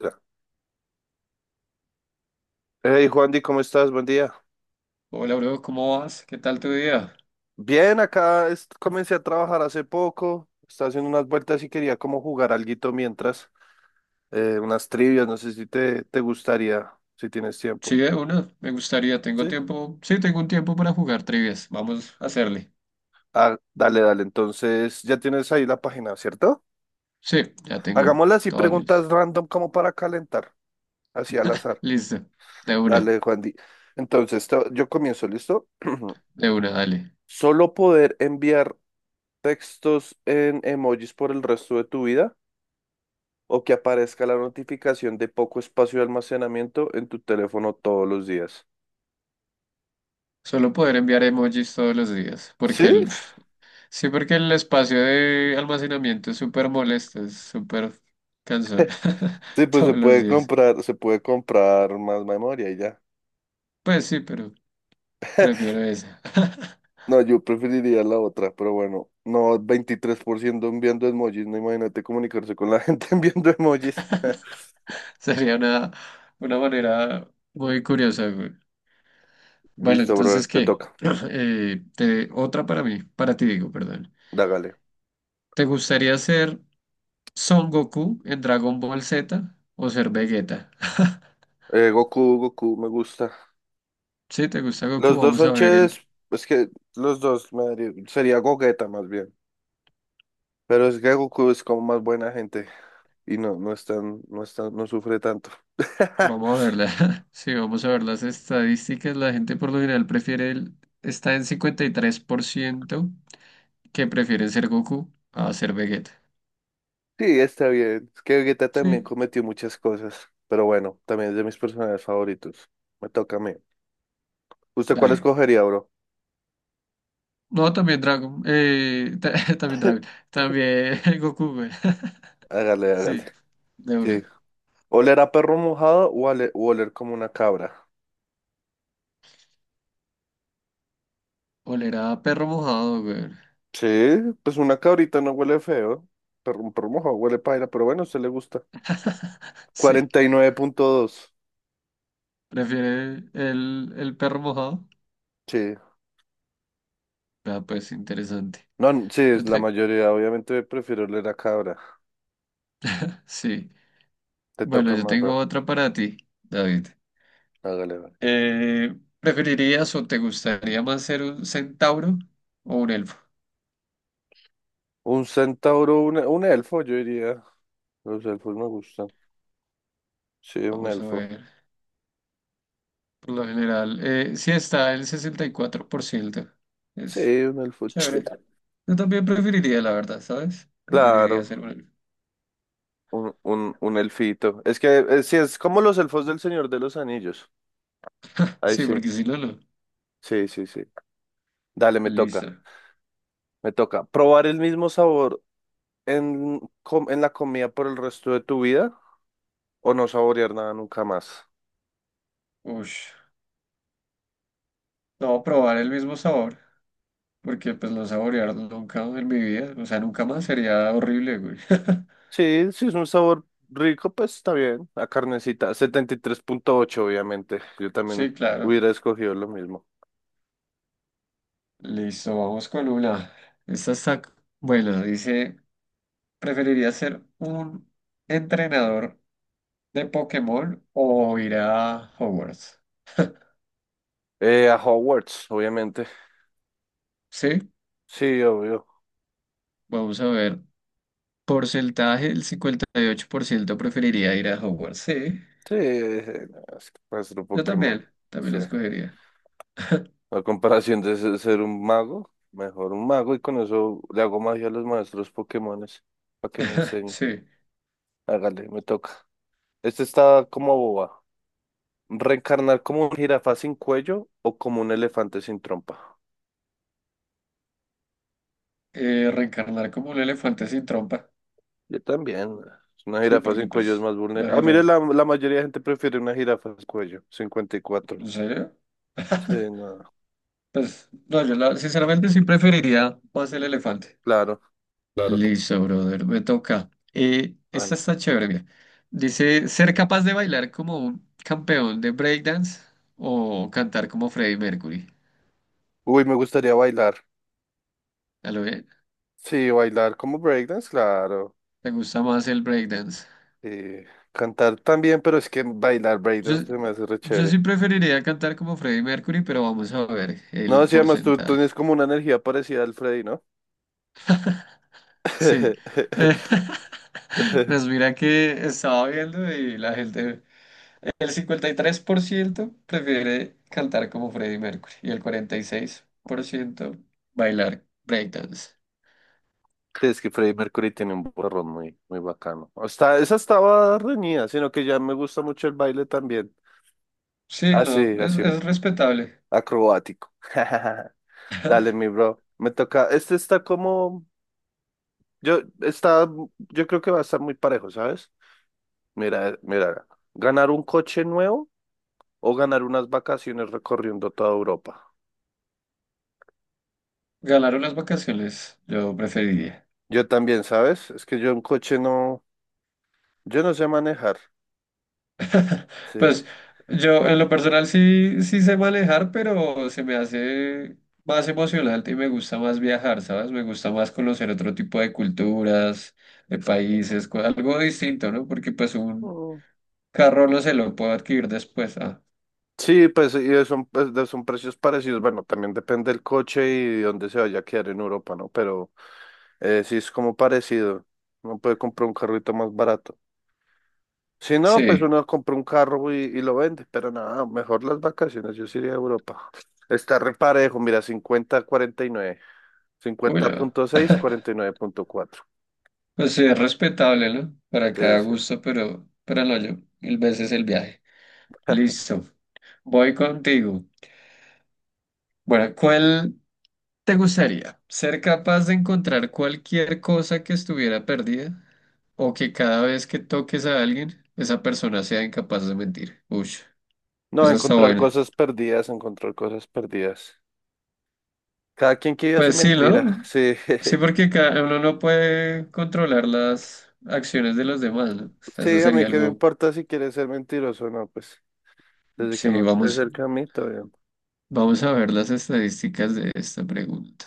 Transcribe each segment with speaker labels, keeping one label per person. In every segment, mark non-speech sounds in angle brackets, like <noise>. Speaker 1: Ya. Hey, Juandi, ¿cómo estás? Buen día.
Speaker 2: Hola, bro, ¿cómo vas? ¿Qué tal tu día?
Speaker 1: Bien, acá comencé a trabajar hace poco. Estaba haciendo unas vueltas y quería como jugar alguito mientras. Unas trivias, no sé si te gustaría, si tienes
Speaker 2: Sí,
Speaker 1: tiempo.
Speaker 2: de una, me gustaría, tengo
Speaker 1: Sí.
Speaker 2: tiempo, sí, tengo un tiempo para jugar trivias, vamos a hacerle.
Speaker 1: Ah, dale, dale. Entonces, ya tienes ahí la página, ¿cierto?
Speaker 2: Sí, ya tengo
Speaker 1: Hagámoslas así
Speaker 2: todo listo.
Speaker 1: preguntas random como para calentar, así al
Speaker 2: <laughs>
Speaker 1: azar.
Speaker 2: Listo, de una,
Speaker 1: Dale, Juandi. Entonces, yo comienzo, ¿listo? <clears throat>
Speaker 2: de una, dale.
Speaker 1: Solo poder enviar textos en emojis por el resto de tu vida o que aparezca la notificación de poco espacio de almacenamiento en tu teléfono todos los días.
Speaker 2: Solo poder enviar emojis todos los días, porque
Speaker 1: ¿Sí?
Speaker 2: el, <laughs> sí, porque el espacio de almacenamiento es súper molesto, es súper cansón, <laughs>
Speaker 1: Sí, pues
Speaker 2: todos los días.
Speaker 1: se puede comprar más memoria y ya.
Speaker 2: Pues sí, pero prefiero esa. <laughs>
Speaker 1: No, yo preferiría la otra, pero bueno, no, 23% enviando emojis, no, imagínate comunicarse con la gente <laughs> enviando emojis. <laughs>
Speaker 2: Sería una manera muy curiosa, güey. Bueno,
Speaker 1: Listo, brother,
Speaker 2: entonces,
Speaker 1: te
Speaker 2: ¿qué?
Speaker 1: toca,
Speaker 2: <clears throat> Otra para mí, para ti digo, perdón.
Speaker 1: dágale.
Speaker 2: ¿Te gustaría ser Son Goku en Dragon Ball Z o ser Vegeta? <laughs>
Speaker 1: Goku, Goku, me gusta.
Speaker 2: Si te gusta Goku,
Speaker 1: Los dos
Speaker 2: vamos a
Speaker 1: son
Speaker 2: ver el,
Speaker 1: chéveres, es que los dos me daría- sería Gogeta más bien, pero es que Goku es como más buena gente. Y no, no sufre tanto. <laughs>
Speaker 2: vamos a verla. <laughs> Sí, vamos a ver las estadísticas. La gente por lo general prefiere el, está en 53% que prefieren ser Goku a ser Vegeta.
Speaker 1: Sí, está bien. Es que Vegeta también
Speaker 2: Sí,
Speaker 1: cometió muchas cosas, pero bueno, también es de mis personajes favoritos. Me toca a mí. ¿Usted cuál
Speaker 2: dale.
Speaker 1: escogería, bro?
Speaker 2: No, también Dragon, <laughs> también Dragon,
Speaker 1: <laughs>
Speaker 2: también <laughs> Goku, güey. <laughs>
Speaker 1: Hágale, hágale.
Speaker 2: Sí, de
Speaker 1: Sí.
Speaker 2: una.
Speaker 1: ¿Oler a perro mojado o o oler como una cabra?
Speaker 2: Oler a perro mojado, güey. <laughs>
Speaker 1: Sí, pues una cabrita no huele feo. Perro, un perro mojado huele paila, pero bueno, a usted le gusta.
Speaker 2: Sí,
Speaker 1: Cuarenta y nueve punto dos.
Speaker 2: prefiere el perro mojado.
Speaker 1: Sí.
Speaker 2: Ah, pues interesante.
Speaker 1: No, sí, es
Speaker 2: Yo
Speaker 1: la
Speaker 2: te-
Speaker 1: mayoría. Obviamente prefiero oler a cabra.
Speaker 2: Sí.
Speaker 1: Te
Speaker 2: Bueno,
Speaker 1: toca
Speaker 2: yo
Speaker 1: más,
Speaker 2: tengo
Speaker 1: bro.
Speaker 2: otra para ti, David.
Speaker 1: Hágale, bro.
Speaker 2: ¿Preferirías o te gustaría más ser un centauro o un elfo?
Speaker 1: Un centauro, un elfo, yo diría. Los elfos me gustan. Sí, un
Speaker 2: Vamos a
Speaker 1: elfo.
Speaker 2: ver. Por lo general, sí está el 64%.
Speaker 1: Sí,
Speaker 2: Es
Speaker 1: un elfo.
Speaker 2: chévere.
Speaker 1: <laughs>
Speaker 2: Yo también preferiría, la verdad, ¿sabes? Preferiría
Speaker 1: Claro,
Speaker 2: ser un elfo.
Speaker 1: un elfito. Es que sí, es como los elfos del Señor de los Anillos. Ahí
Speaker 2: Sí,
Speaker 1: sí,
Speaker 2: porque si no, no.
Speaker 1: sí, sí, sí. Dale,
Speaker 2: Listo.
Speaker 1: me toca. ¿Probar el mismo sabor en, en la comida por el resto de tu vida o no saborear nada nunca más?
Speaker 2: Ush. No, probar el mismo sabor, porque pues no saborear nunca en mi vida, o sea, nunca más sería horrible, güey. <laughs>
Speaker 1: Sí, si es un sabor rico, pues está bien. La carnecita, setenta y tres punto ocho, obviamente. Yo también
Speaker 2: Sí, claro.
Speaker 1: hubiera escogido lo mismo.
Speaker 2: Listo, vamos con una. Esta está, bueno, dice, ¿preferiría ser un entrenador de Pokémon o ir a Hogwarts?
Speaker 1: A Hogwarts, obviamente.
Speaker 2: Sí,
Speaker 1: Sí, obvio.
Speaker 2: vamos a ver. Porcentaje, el 58% preferiría ir a Hogwarts. Sí,
Speaker 1: Sí, no, es que para ser un
Speaker 2: yo
Speaker 1: Pokémon.
Speaker 2: también, también
Speaker 1: Sí.
Speaker 2: lo escogería.
Speaker 1: A comparación de ser un mago, mejor un mago y con eso le hago magia a los maestros Pokémones para que me
Speaker 2: <laughs>
Speaker 1: enseñen.
Speaker 2: Sí,
Speaker 1: Hágale, me toca. Este está como boba. ¿Reencarnar como un jirafa sin cuello o como un elefante sin trompa?
Speaker 2: reencarnar como un elefante sin trompa.
Speaker 1: Yo también. Una
Speaker 2: Sí,
Speaker 1: jirafa
Speaker 2: porque
Speaker 1: sin cuello es
Speaker 2: pues
Speaker 1: más
Speaker 2: la
Speaker 1: vulnerable. Ah, mire,
Speaker 2: jirafa.
Speaker 1: la mayoría de gente prefiere una jirafa sin cuello. 54.
Speaker 2: ¿En serio?
Speaker 1: Sí,
Speaker 2: <laughs>
Speaker 1: no,
Speaker 2: Pues, no, yo la- sinceramente sí preferiría más el elefante.
Speaker 1: claro. Claro.
Speaker 2: Listo, brother, me toca. Esta está chévere, mira. Dice, ¿ser capaz de bailar como un campeón de breakdance o cantar como Freddie Mercury?
Speaker 1: Uy, me gustaría bailar.
Speaker 2: ¿A lo bien?
Speaker 1: Sí, bailar como breakdance, claro.
Speaker 2: ¿Te gusta más el breakdance?
Speaker 1: Eh, cantar también, pero es que bailar
Speaker 2: Yo,
Speaker 1: breakdance se me hace re
Speaker 2: yo
Speaker 1: chévere.
Speaker 2: sí preferiría cantar como Freddie Mercury, pero vamos a ver
Speaker 1: No,
Speaker 2: el
Speaker 1: sí, además tú
Speaker 2: porcentaje.
Speaker 1: tienes como una energía parecida al Freddy, ¿no?
Speaker 2: Sí. Eh,
Speaker 1: <laughs>
Speaker 2: <laughs> pues mira que estaba viendo y la gente... El 53% prefiere cantar como Freddie Mercury y el 46% bailar breakdance.
Speaker 1: Sí, es que Freddie Mercury tiene un borrón muy, muy bacano. O está, esa estaba reñida, sino que ya me gusta mucho el baile también.
Speaker 2: Sí, no,
Speaker 1: Así, así,
Speaker 2: es respetable.
Speaker 1: acrobático. <laughs> Dale, mi bro. Me toca. Este está como. Yo, está, yo creo que va a estar muy parejo, ¿sabes? Mira, mira, ganar un coche nuevo o ganar unas vacaciones recorriendo toda Europa.
Speaker 2: Ganaron las vacaciones, yo preferiría.
Speaker 1: Yo también, ¿sabes? Es que yo un coche no, yo no sé manejar.
Speaker 2: <laughs>
Speaker 1: Sí.
Speaker 2: Pues yo en lo personal sí, sí sé manejar, pero se me hace más emocionante y me gusta más viajar, ¿sabes? Me gusta más conocer otro tipo de culturas, de países, co- algo distinto, ¿no? Porque pues un
Speaker 1: Mm.
Speaker 2: carro no se lo puedo adquirir después. Ah,
Speaker 1: Sí, pues y son, pues, son precios parecidos. Bueno, también depende del coche y dónde se vaya a quedar en Europa, ¿no? Pero sí es como parecido. Uno puede comprar un carrito más barato. Si no, pues
Speaker 2: sí.
Speaker 1: uno compra un carro y lo vende. Pero nada, mejor las vacaciones. Yo sí iría a Europa. Está reparejo, mira, cincuenta a cuarenta y nueve. Cincuenta
Speaker 2: Bueno,
Speaker 1: punto seis,
Speaker 2: <laughs>
Speaker 1: cuarenta y nueve punto cuatro.
Speaker 2: pues sí, es respetable, ¿no? Para
Speaker 1: Sí,
Speaker 2: cada
Speaker 1: sí.
Speaker 2: gusto, pero no yo. Mil veces el viaje.
Speaker 1: <laughs>
Speaker 2: Listo. Voy contigo. Bueno, ¿cuál te gustaría? ¿Ser capaz de encontrar cualquier cosa que estuviera perdida o que cada vez que toques a alguien, esa persona sea incapaz de mentir? Uy,
Speaker 1: No,
Speaker 2: esa está
Speaker 1: encontrar
Speaker 2: buena.
Speaker 1: cosas perdidas, encontrar cosas perdidas. Cada quien que viva su
Speaker 2: Pues sí,
Speaker 1: mentira.
Speaker 2: ¿no?
Speaker 1: Sí,
Speaker 2: Sí,
Speaker 1: <laughs>
Speaker 2: porque ca- uno no puede controlar las acciones de los demás, ¿no? Eso
Speaker 1: sí, a mí
Speaker 2: sería
Speaker 1: qué me
Speaker 2: algo,
Speaker 1: importa si quiere ser mentiroso o no, pues desde que
Speaker 2: sí,
Speaker 1: no esté
Speaker 2: vamos.
Speaker 1: cerca a mí, todo bien.
Speaker 2: Vamos a ver las estadísticas de esta pregunta.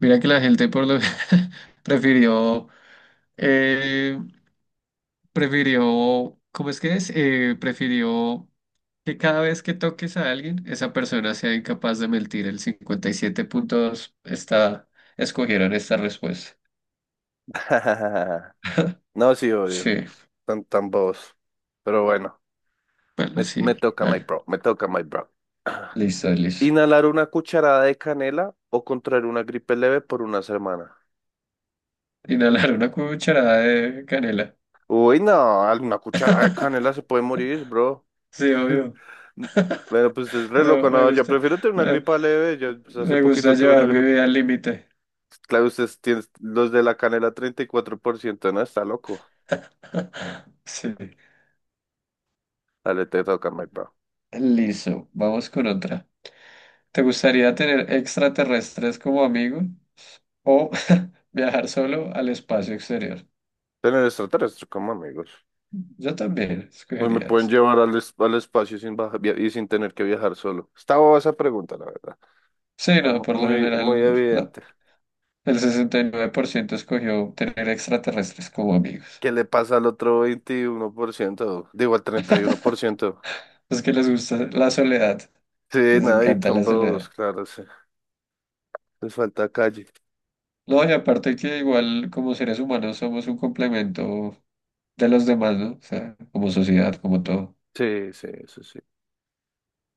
Speaker 2: Mira que la gente por lo <laughs> prefirió, eh, prefirió, ¿cómo es que es? Prefirió que cada vez que toques a alguien, esa persona sea incapaz de mentir. El 57.2 está, escogieron esta respuesta.
Speaker 1: <laughs> No, sí, obvio,
Speaker 2: Sí,
Speaker 1: tan, tan bobos. Pero bueno,
Speaker 2: bueno, sí. Ah,
Speaker 1: me toca, my bro.
Speaker 2: listo,
Speaker 1: <clears throat>
Speaker 2: listo.
Speaker 1: Inhalar una cucharada de canela o contraer una gripe leve por una semana.
Speaker 2: Inhalar una cucharada de canela.
Speaker 1: Uy, no, una cucharada de canela se puede morir, bro.
Speaker 2: Sí, obvio,
Speaker 1: Bueno, pues es re
Speaker 2: pero
Speaker 1: loco, no, yo prefiero tener una
Speaker 2: eh,
Speaker 1: gripa leve, yo pues, hace
Speaker 2: me gusta
Speaker 1: poquito tuve una
Speaker 2: llevar mi
Speaker 1: gripa.
Speaker 2: vida al límite.
Speaker 1: Claro, ustedes tienen los de la canela treinta y cuatro por ciento, ¿no? Está loco.
Speaker 2: <laughs> Sí.
Speaker 1: Dale, te toca, my bro.
Speaker 2: Listo, vamos con otra. ¿Te gustaría tener extraterrestres como amigo o <laughs> viajar solo al espacio exterior?
Speaker 1: Tener extraterrestres como amigos.
Speaker 2: Yo también
Speaker 1: Pues me
Speaker 2: escogería
Speaker 1: pueden
Speaker 2: eso.
Speaker 1: llevar al, es- al espacio sin baja- via- y sin tener que viajar solo. Está boba esa pregunta, la verdad.
Speaker 2: Sí,
Speaker 1: Está
Speaker 2: no, por lo
Speaker 1: muy, muy
Speaker 2: general la-
Speaker 1: evidente.
Speaker 2: el 69% escogió tener extraterrestres como amigos.
Speaker 1: ¿Qué le pasa al otro 21%? Digo, al treinta y uno por ciento.
Speaker 2: Es que les gusta la soledad,
Speaker 1: Sí,
Speaker 2: les
Speaker 1: nada, y
Speaker 2: encanta la
Speaker 1: son bobos,
Speaker 2: soledad.
Speaker 1: claro, sí. Les falta calle.
Speaker 2: No, y aparte que igual como seres humanos somos un complemento de los demás, ¿no? O sea, como sociedad, como todo.
Speaker 1: Sí, sí, eso sí.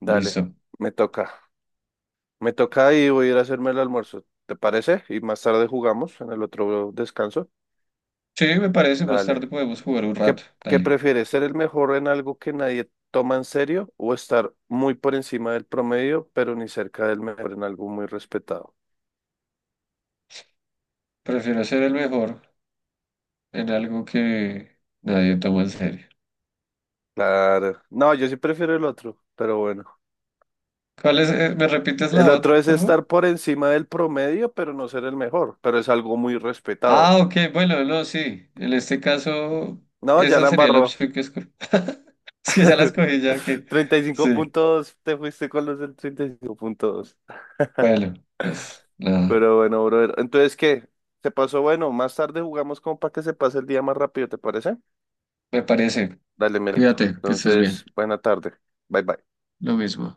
Speaker 1: Dale,
Speaker 2: Listo.
Speaker 1: me toca. Me toca y voy a ir a hacerme el almuerzo. ¿Te parece? Y más tarde jugamos en el otro descanso.
Speaker 2: Sí, me parece, más
Speaker 1: Dale.
Speaker 2: tarde podemos jugar un
Speaker 1: ¿Qué,
Speaker 2: rato,
Speaker 1: qué
Speaker 2: dale.
Speaker 1: prefieres? ¿Ser el mejor en algo que nadie toma en serio o estar muy por encima del promedio, pero ni cerca del mejor en algo muy respetado?
Speaker 2: Prefiero ser el mejor en algo que nadie toma en serio.
Speaker 1: Claro. No, yo sí prefiero el otro, pero bueno.
Speaker 2: ¿Cuál es? ¿Me repites
Speaker 1: El
Speaker 2: la
Speaker 1: otro
Speaker 2: otra,
Speaker 1: es
Speaker 2: por favor?
Speaker 1: estar por encima del promedio, pero no ser el mejor, pero es algo muy respetado.
Speaker 2: Ah, ok, bueno, no, sí. En este caso,
Speaker 1: No, ya
Speaker 2: esa
Speaker 1: la
Speaker 2: sería la
Speaker 1: embarró.
Speaker 2: opción que escogí. <laughs> Es que ya la
Speaker 1: <laughs>
Speaker 2: escogí, ya que...
Speaker 1: Treinta y cinco
Speaker 2: Sí,
Speaker 1: puntos. Te fuiste con los del treinta y cinco puntos.
Speaker 2: bueno, pues nada,
Speaker 1: Pero bueno, brother. Entonces, ¿qué? ¿Se pasó? Bueno, más tarde jugamos como para que se pase el día más rápido, ¿te parece?
Speaker 2: me parece.
Speaker 1: Dale, Melito.
Speaker 2: Cuídate, que estés
Speaker 1: Entonces,
Speaker 2: bien.
Speaker 1: buena tarde. Bye, bye.
Speaker 2: Lo mismo.